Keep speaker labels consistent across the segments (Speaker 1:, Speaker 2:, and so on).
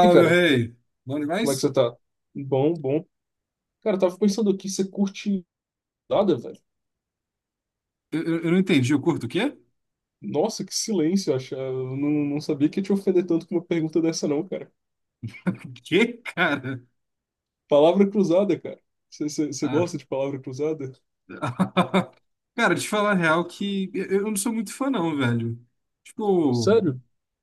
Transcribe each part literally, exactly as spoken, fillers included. Speaker 1: E
Speaker 2: meu
Speaker 1: cara,
Speaker 2: rei. Bom
Speaker 1: como é que você
Speaker 2: demais?
Speaker 1: tá? Bom, bom. Cara, eu tava pensando aqui, você curte nada, velho?
Speaker 2: Eu, eu, eu não entendi. Eu curto o quê?
Speaker 1: Nossa, que silêncio, eu acho. Eu não, não sabia que ia te ofender tanto com uma pergunta dessa, não, cara.
Speaker 2: O quê, cara?
Speaker 1: Palavra cruzada, cara. Você você- você
Speaker 2: Ah.
Speaker 1: gosta de palavra cruzada?
Speaker 2: Cara, te falar a real que eu eu não sou muito fã, não, velho. Tipo,
Speaker 1: Sério?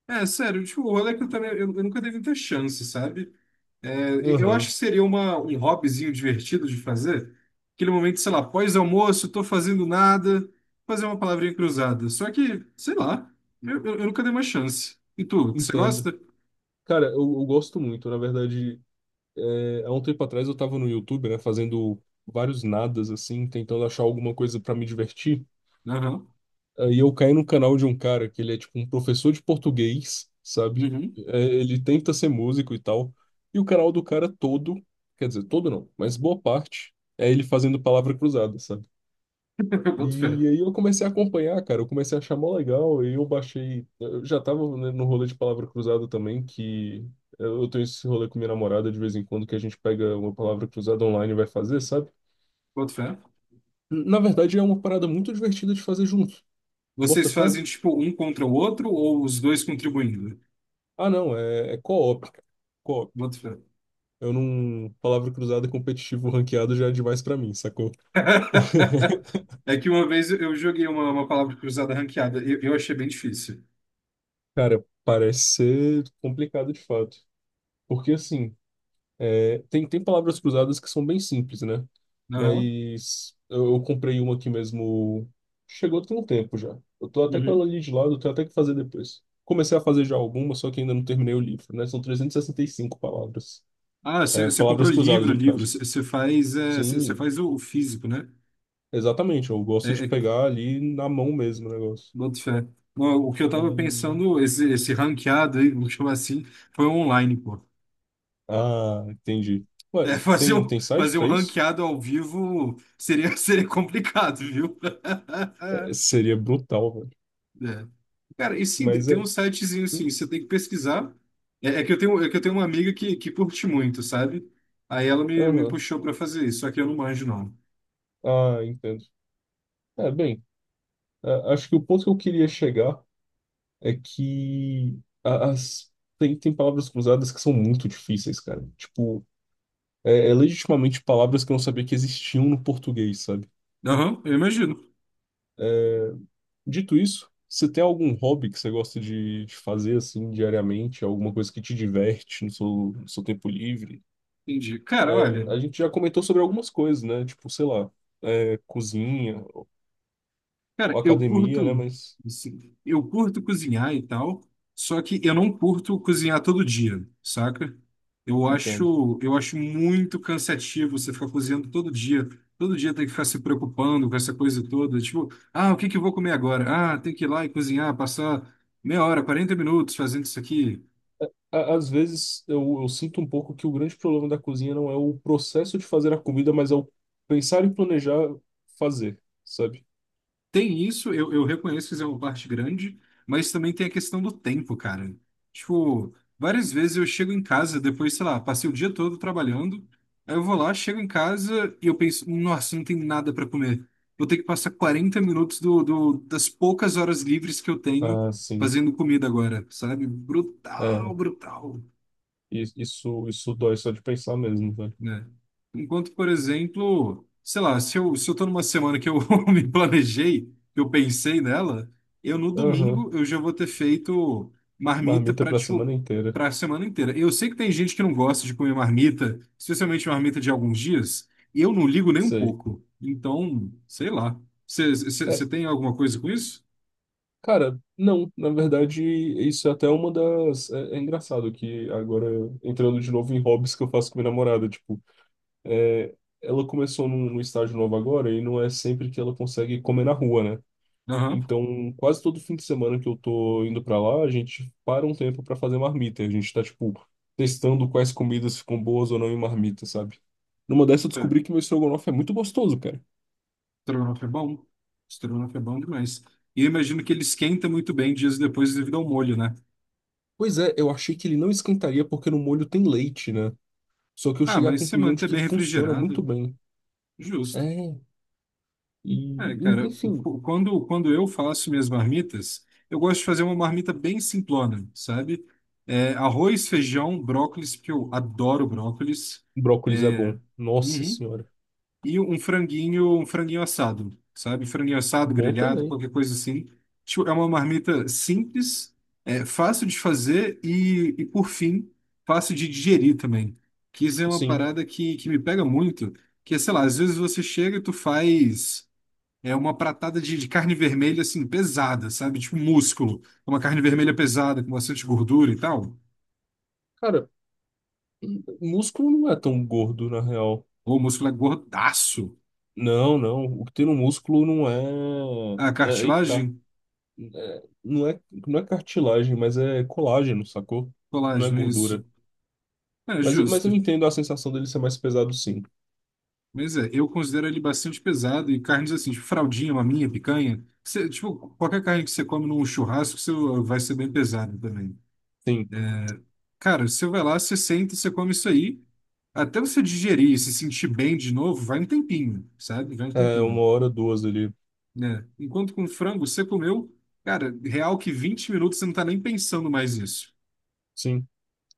Speaker 2: é sério, tipo, o rolê é que eu também. Eu, eu nunca dei muita chance, sabe? É, e- eu acho
Speaker 1: Aham,
Speaker 2: que seria uma, um hobbyzinho divertido de fazer. Aquele momento, sei lá, pós-almoço, tô fazendo nada, fazer uma palavrinha cruzada. Só que, sei lá, eu, eu, eu nunca dei uma chance. E tu, você
Speaker 1: entendo.
Speaker 2: gosta?
Speaker 1: Cara, eu, eu gosto muito. Na verdade, é, há um tempo atrás eu tava no YouTube, né, fazendo vários nadas, assim, tentando achar alguma coisa pra me divertir.
Speaker 2: Aham.
Speaker 1: Aí eu caí no canal de um cara que ele é tipo um professor de português, sabe?
Speaker 2: Uhum.
Speaker 1: É, ele tenta ser músico e tal. E o canal do cara todo, quer dizer, todo não, mas boa parte, é ele fazendo palavra cruzada, sabe?
Speaker 2: Eu boto fé.
Speaker 1: E aí eu comecei a acompanhar, cara, eu comecei a achar mó legal, e eu baixei, eu já tava, né, no rolê de palavra cruzada também, que eu eu tenho esse rolê com minha namorada de vez em quando, que a gente pega uma palavra cruzada online e vai fazer, sabe?
Speaker 2: Boto fé.
Speaker 1: Na verdade é uma parada muito divertida de fazer junto. Bota
Speaker 2: Vocês
Speaker 1: fé?
Speaker 2: fazem tipo um contra o outro ou os dois contribuindo?
Speaker 1: Ah, não, é, é co-op, cara. Co-op.
Speaker 2: Boto fé.
Speaker 1: Eu não. Palavra cruzada competitivo ranqueado já é demais pra mim, sacou?
Speaker 2: É que uma vez eu joguei uma, uma palavra cruzada ranqueada. Eu, eu achei bem difícil.
Speaker 1: Cara, parece ser complicado de fato. Porque, assim, é, tem, tem palavras cruzadas que são bem simples, né?
Speaker 2: Aham.
Speaker 1: Mas eu, eu comprei uma aqui mesmo. Chegou tem um tempo já. Eu tô até com ela
Speaker 2: Uhum.
Speaker 1: ali de lado, eu tenho até que fazer depois. Comecei a fazer já alguma, só que ainda não terminei o livro, né? São e e sessenta e cinco palavras.
Speaker 2: Ah, você
Speaker 1: É,
Speaker 2: você comprou
Speaker 1: palavras cruzadas,
Speaker 2: livro,
Speaker 1: no
Speaker 2: livro.
Speaker 1: caso.
Speaker 2: Você você faz, é, você você
Speaker 1: Sim.
Speaker 2: faz o, o físico, né?
Speaker 1: Exatamente, eu
Speaker 2: É,
Speaker 1: gosto de
Speaker 2: é,
Speaker 1: pegar ali na mão mesmo o negócio.
Speaker 2: boto fé. Não, o que eu tava
Speaker 1: E.
Speaker 2: pensando, esse, esse ranqueado aí, vamos chamar assim, foi online, pô.
Speaker 1: Ah, entendi. Ué,
Speaker 2: É, fazer
Speaker 1: tem,
Speaker 2: um,
Speaker 1: tem site
Speaker 2: fazer um
Speaker 1: pra isso?
Speaker 2: ranqueado ao vivo seria, seria complicado, viu?
Speaker 1: É, seria brutal, velho.
Speaker 2: É. Cara, e sim, tem
Speaker 1: Mas
Speaker 2: tem um
Speaker 1: é.
Speaker 2: sitezinho
Speaker 1: hum,
Speaker 2: assim, você tem que pesquisar. É, é que eu tenho, é que eu tenho uma amiga que, que curte muito, sabe? Aí ela me, me
Speaker 1: Aham.
Speaker 2: puxou pra fazer isso, só que eu não manjo, não.
Speaker 1: Ah, entendo. É, bem, a- acho que o ponto que eu queria chegar é que a- as, tem, tem palavras cruzadas que são muito difíceis, cara. Tipo, é, é legitimamente palavras que eu não sabia que existiam no português, sabe?
Speaker 2: Aham, eu imagino.
Speaker 1: Dito isso, você tem algum hobby que você gosta de de fazer assim diariamente? Alguma coisa que te diverte no seu, no seu tempo livre?
Speaker 2: Entendi. Cara,
Speaker 1: É,
Speaker 2: olha,
Speaker 1: a gente já comentou sobre algumas coisas, né? Tipo, sei lá, é, cozinha ou
Speaker 2: cara, eu curto,
Speaker 1: academia, né? Mas
Speaker 2: assim, eu curto cozinhar e tal, só que eu não curto cozinhar todo dia, saca? Eu
Speaker 1: entendo.
Speaker 2: acho, eu acho muito cansativo você ficar cozinhando todo dia. Todo dia tem que ficar se preocupando com essa coisa toda. Tipo, ah, o que que eu vou comer agora? Ah, tem que ir lá e cozinhar, passar meia hora, quarenta minutos fazendo isso aqui.
Speaker 1: Á- Às vezes eu, eu sinto um pouco que o grande problema da cozinha não é o processo de fazer a comida, mas é o pensar e planejar fazer, sabe?
Speaker 2: Tem isso, eu, eu reconheço que isso é uma parte grande, mas também tem a questão do tempo, cara. Tipo, várias vezes eu chego em casa, depois, sei lá, passei o dia todo trabalhando, aí eu vou lá, chego em casa e eu penso, nossa, não tem nada para comer. Vou ter que passar quarenta minutos do, do- das poucas horas livres que eu tenho
Speaker 1: Ah, sim.
Speaker 2: fazendo comida agora, sabe?
Speaker 1: É,
Speaker 2: Brutal, brutal.
Speaker 1: i- isso, isso dói só de pensar mesmo, velho.
Speaker 2: Né? Enquanto, por exemplo, sei lá, se eu, se eu tô numa semana que eu me planejei, que eu pensei nela, eu no
Speaker 1: Aham.
Speaker 2: domingo eu já vou ter feito marmita
Speaker 1: Marmita
Speaker 2: para
Speaker 1: pra semana
Speaker 2: tipo
Speaker 1: inteira.
Speaker 2: para a semana inteira. Eu sei que tem gente que não gosta de comer marmita, especialmente marmita de alguns dias, e eu não ligo nem um
Speaker 1: Sei.
Speaker 2: pouco. Então, sei lá.
Speaker 1: É,
Speaker 2: Você tem alguma coisa com isso?
Speaker 1: cara, não, na verdade, isso é até uma das. É, é engraçado que agora, entrando de novo em hobbies que eu faço com minha namorada, tipo, é, ela começou num, num estágio novo agora e não é sempre que ela consegue comer na rua, né?
Speaker 2: Aham.
Speaker 1: Então, quase todo fim de semana que eu tô indo pra lá, a gente para um tempo pra fazer marmita. A gente tá, tipo, testando quais comidas ficam boas ou não em marmita, sabe? Numa dessa eu
Speaker 2: É.
Speaker 1: descobri que meu estrogonofe é muito gostoso, cara.
Speaker 2: Estrogonofe é bom. Estrogonofe é bom demais. E eu imagino que ele esquenta muito bem dias depois devido ao molho, né?
Speaker 1: Pois é, eu achei que ele não esquentaria porque no molho tem leite, né? Só que eu
Speaker 2: Ah,
Speaker 1: cheguei à
Speaker 2: mas se
Speaker 1: conclusão de
Speaker 2: manter
Speaker 1: que
Speaker 2: bem
Speaker 1: funciona muito
Speaker 2: refrigerado,
Speaker 1: bem.
Speaker 2: justo.
Speaker 1: É, e
Speaker 2: É,
Speaker 1: en-
Speaker 2: cara, o-
Speaker 1: enfim,
Speaker 2: o- quando, quando eu faço minhas marmitas, eu gosto de fazer uma marmita bem simplona, sabe? É, arroz, feijão, brócolis, porque eu adoro brócolis.
Speaker 1: brócolis é
Speaker 2: É,
Speaker 1: bom. Nossa
Speaker 2: uhum,
Speaker 1: senhora.
Speaker 2: e um franguinho, um franguinho assado, sabe? Franguinho assado,
Speaker 1: Bom
Speaker 2: grelhado,
Speaker 1: também.
Speaker 2: qualquer coisa assim. Tipo, é uma marmita simples, é fácil de fazer e, e por fim, fácil de digerir também. Que isso é uma
Speaker 1: Sim.
Speaker 2: parada que, que me pega muito, que é, sei lá, às vezes você chega e tu faz é uma pratada de, de carne vermelha, assim, pesada, sabe? Tipo um músculo. Uma carne vermelha pesada, com bastante gordura e tal.
Speaker 1: Cara, m- músculo não é tão gordo, na real.
Speaker 2: Ou o músculo é gordaço.
Speaker 1: Não, não. O que tem no músculo não é.
Speaker 2: A
Speaker 1: É aí que tá.
Speaker 2: cartilagem?
Speaker 1: É, não é, não é cartilagem, mas é colágeno, sacou? Não é
Speaker 2: Colágeno, isso.
Speaker 1: gordura.
Speaker 2: É
Speaker 1: Mas, mas
Speaker 2: justo.
Speaker 1: eu entendo a sensação dele ser mais pesado, sim.
Speaker 2: Mas é, eu considero ele bastante pesado e carnes assim, tipo fraldinha, maminha, picanha. Você, tipo, qualquer carne que você come num churrasco, você vai ser bem pesado também.
Speaker 1: Sim.
Speaker 2: Cara, você vai lá, você senta, você come isso aí. Até você digerir e se sentir bem de novo, vai um tempinho, sabe? Vai um
Speaker 1: É uma
Speaker 2: tempinho,
Speaker 1: hora, duas ali.
Speaker 2: né? Enquanto com frango, você comeu, cara, real que vinte minutos você não tá nem pensando mais nisso.
Speaker 1: Sim.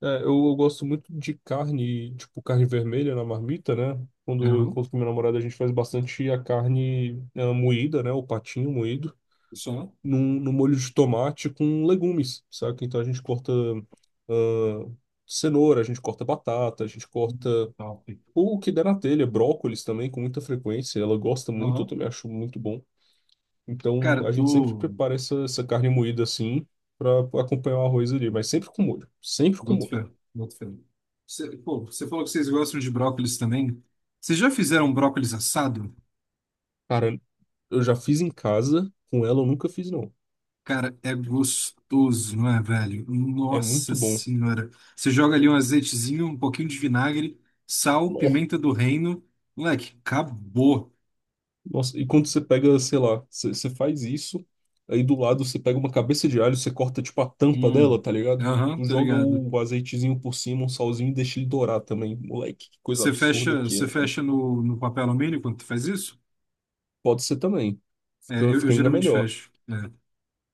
Speaker 1: É, eu, eu gosto muito de carne, tipo carne vermelha na marmita, né? Quando eu
Speaker 2: Aham,
Speaker 1: encontro com minha namorada, a gente faz bastante a carne eh, moída, né? O patinho moído,
Speaker 2: só.
Speaker 1: num, num molho de tomate com legumes, saca? Então a gente corta ah, cenoura, a gente corta batata, a gente
Speaker 2: Hum,
Speaker 1: corta
Speaker 2: Top.
Speaker 1: o que der na telha, brócolis também, com muita frequência. Ela gosta muito, eu
Speaker 2: Aham.
Speaker 1: também acho muito bom.
Speaker 2: Cara,
Speaker 1: Então a gente sempre
Speaker 2: tu.
Speaker 1: prepara essa, essa carne moída assim, pra acompanhar o arroz ali, mas sempre com molho, sempre com
Speaker 2: Boto
Speaker 1: molho.
Speaker 2: fé, boto fé. Você, pô, você falou que vocês gostam de brócolis também. Vocês já fizeram brócolis assado?
Speaker 1: Cara, eu já fiz em casa, com ela eu nunca fiz, não.
Speaker 2: Cara, é gostoso, não é, velho?
Speaker 1: É
Speaker 2: Nossa
Speaker 1: muito bom.
Speaker 2: senhora. Você joga ali um azeitezinho, um pouquinho de vinagre, sal,
Speaker 1: Nó-
Speaker 2: pimenta do reino. Moleque, acabou.
Speaker 1: Nossa, e quando você pega, sei lá, você você faz isso, aí do lado você pega uma cabeça de alho, você corta tipo a tampa
Speaker 2: Hum.
Speaker 1: dela, tá ligado?
Speaker 2: Aham,
Speaker 1: Tu
Speaker 2: tô
Speaker 1: joga
Speaker 2: ligado.
Speaker 1: o azeitezinho por cima, um salzinho e deixa ele dourar também. Moleque, que coisa
Speaker 2: Você
Speaker 1: absurda
Speaker 2: fecha,
Speaker 1: que
Speaker 2: você
Speaker 1: é, velho.
Speaker 2: fecha no, no papel alumínio quando tu faz isso?
Speaker 1: Pode ser também.
Speaker 2: É,
Speaker 1: Fica,
Speaker 2: eu, eu
Speaker 1: fica ainda
Speaker 2: geralmente
Speaker 1: melhor.
Speaker 2: fecho. É.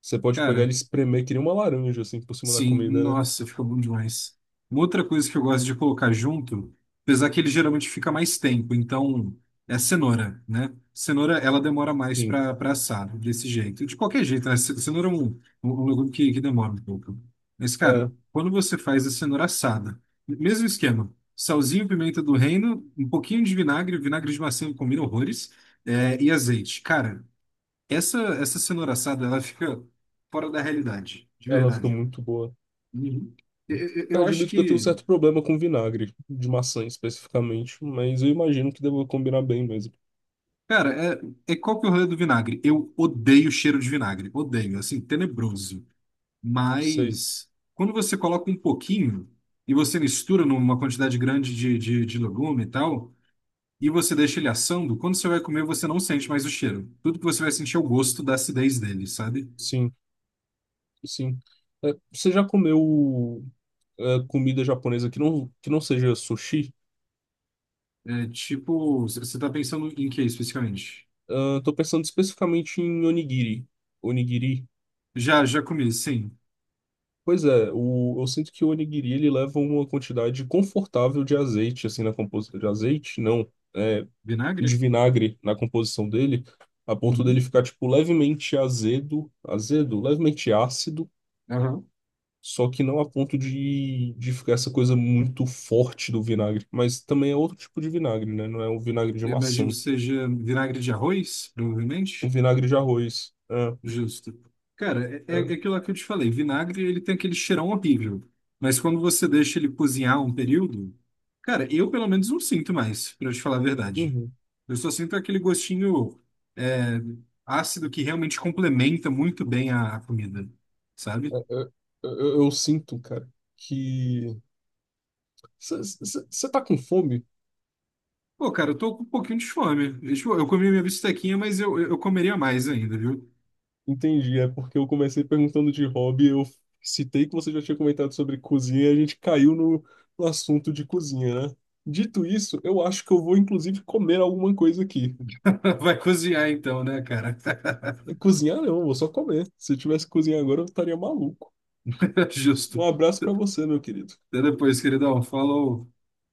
Speaker 1: Você pode pegar ele
Speaker 2: Cara,
Speaker 1: e espremer que nem uma laranja, assim, por cima da
Speaker 2: sim,
Speaker 1: comida, né?
Speaker 2: nossa, fica bom demais. Uma outra coisa que eu gosto de colocar junto, apesar que ele geralmente fica mais tempo, então é cenoura, né? Cenoura, ela demora mais
Speaker 1: Sim.
Speaker 2: para para assar, desse jeito. De qualquer jeito, né? Ce- Cenoura é um, um, um legume que, que demora um pouco. Mas, cara,
Speaker 1: É,
Speaker 2: quando você faz a cenoura assada, mesmo esquema, salzinho, pimenta do reino, um pouquinho de vinagre, vinagre de maçã combina horrores, é, e azeite. Cara, essa, essa cenoura assada, ela fica fora da realidade, de
Speaker 1: ela fica
Speaker 2: verdade.
Speaker 1: muito boa.
Speaker 2: Uhum. Eu, eu- eu acho
Speaker 1: Admito que eu tenho um
Speaker 2: que...
Speaker 1: certo problema com vinagre, de maçã especificamente, mas eu imagino que deva combinar bem mesmo.
Speaker 2: Cara, é, é qual que é o rolê do vinagre? Eu odeio o cheiro de vinagre. Odeio, assim, tenebroso.
Speaker 1: Sei,
Speaker 2: Mas quando você coloca um pouquinho e você mistura numa quantidade grande de, de, de legume e tal, e você deixa ele assando, quando você vai comer, você não sente mais o cheiro. Tudo que você vai sentir é o gosto da acidez dele, sabe?
Speaker 1: sim, sim. É, você já comeu é, comida japonesa que não, que não seja sushi?
Speaker 2: É tipo, você você tá pensando em que especificamente?
Speaker 1: Ah, tô pensando especificamente em onigiri. Onigiri.
Speaker 2: Já, já comi, sim.
Speaker 1: Pois é, o, eu sinto que o onigiri ele leva uma quantidade confortável de azeite, assim, na composição de azeite, não. é, de
Speaker 2: Vinagre?
Speaker 1: vinagre na composição dele, a ponto dele
Speaker 2: Uhum.
Speaker 1: ficar, tipo, levemente azedo, azedo, levemente ácido,
Speaker 2: Aham.
Speaker 1: só que não a ponto de, de ficar essa coisa muito forte do vinagre. Mas também é outro tipo de vinagre, né? Não é um vinagre de
Speaker 2: Eu imagino
Speaker 1: maçã,
Speaker 2: que seja vinagre de arroz,
Speaker 1: um
Speaker 2: provavelmente.
Speaker 1: vinagre de arroz. É,
Speaker 2: Justo. Cara, é, é
Speaker 1: é,
Speaker 2: aquilo lá que eu te falei. Vinagre, ele tem aquele cheirão horrível. Mas quando você deixa ele cozinhar um período, cara, eu pelo menos não sinto mais, pra eu te falar a verdade.
Speaker 1: uhum.
Speaker 2: Eu só sinto aquele gostinho é, ácido que realmente complementa muito bem a, a comida, sabe?
Speaker 1: Eu, eu- eu sinto, cara, que. Você tá com fome?
Speaker 2: Pô, cara, eu tô com um pouquinho de fome. Eu, tipo, eu comi minha bistequinha, mas eu, eu comeria mais ainda, viu?
Speaker 1: Entendi, é porque eu comecei perguntando de hobby, eu citei que você já tinha comentado sobre cozinha e a gente caiu no, no assunto de cozinha, né? Dito isso, eu acho que eu vou inclusive comer alguma coisa aqui.
Speaker 2: Vai cozinhar então, né, cara?
Speaker 1: Cozinhar não, eu vou só comer. Se eu tivesse que cozinhar agora, eu estaria maluco.
Speaker 2: Justo.
Speaker 1: Um abraço pra você, meu querido.
Speaker 2: Até depois, queridão. Falou.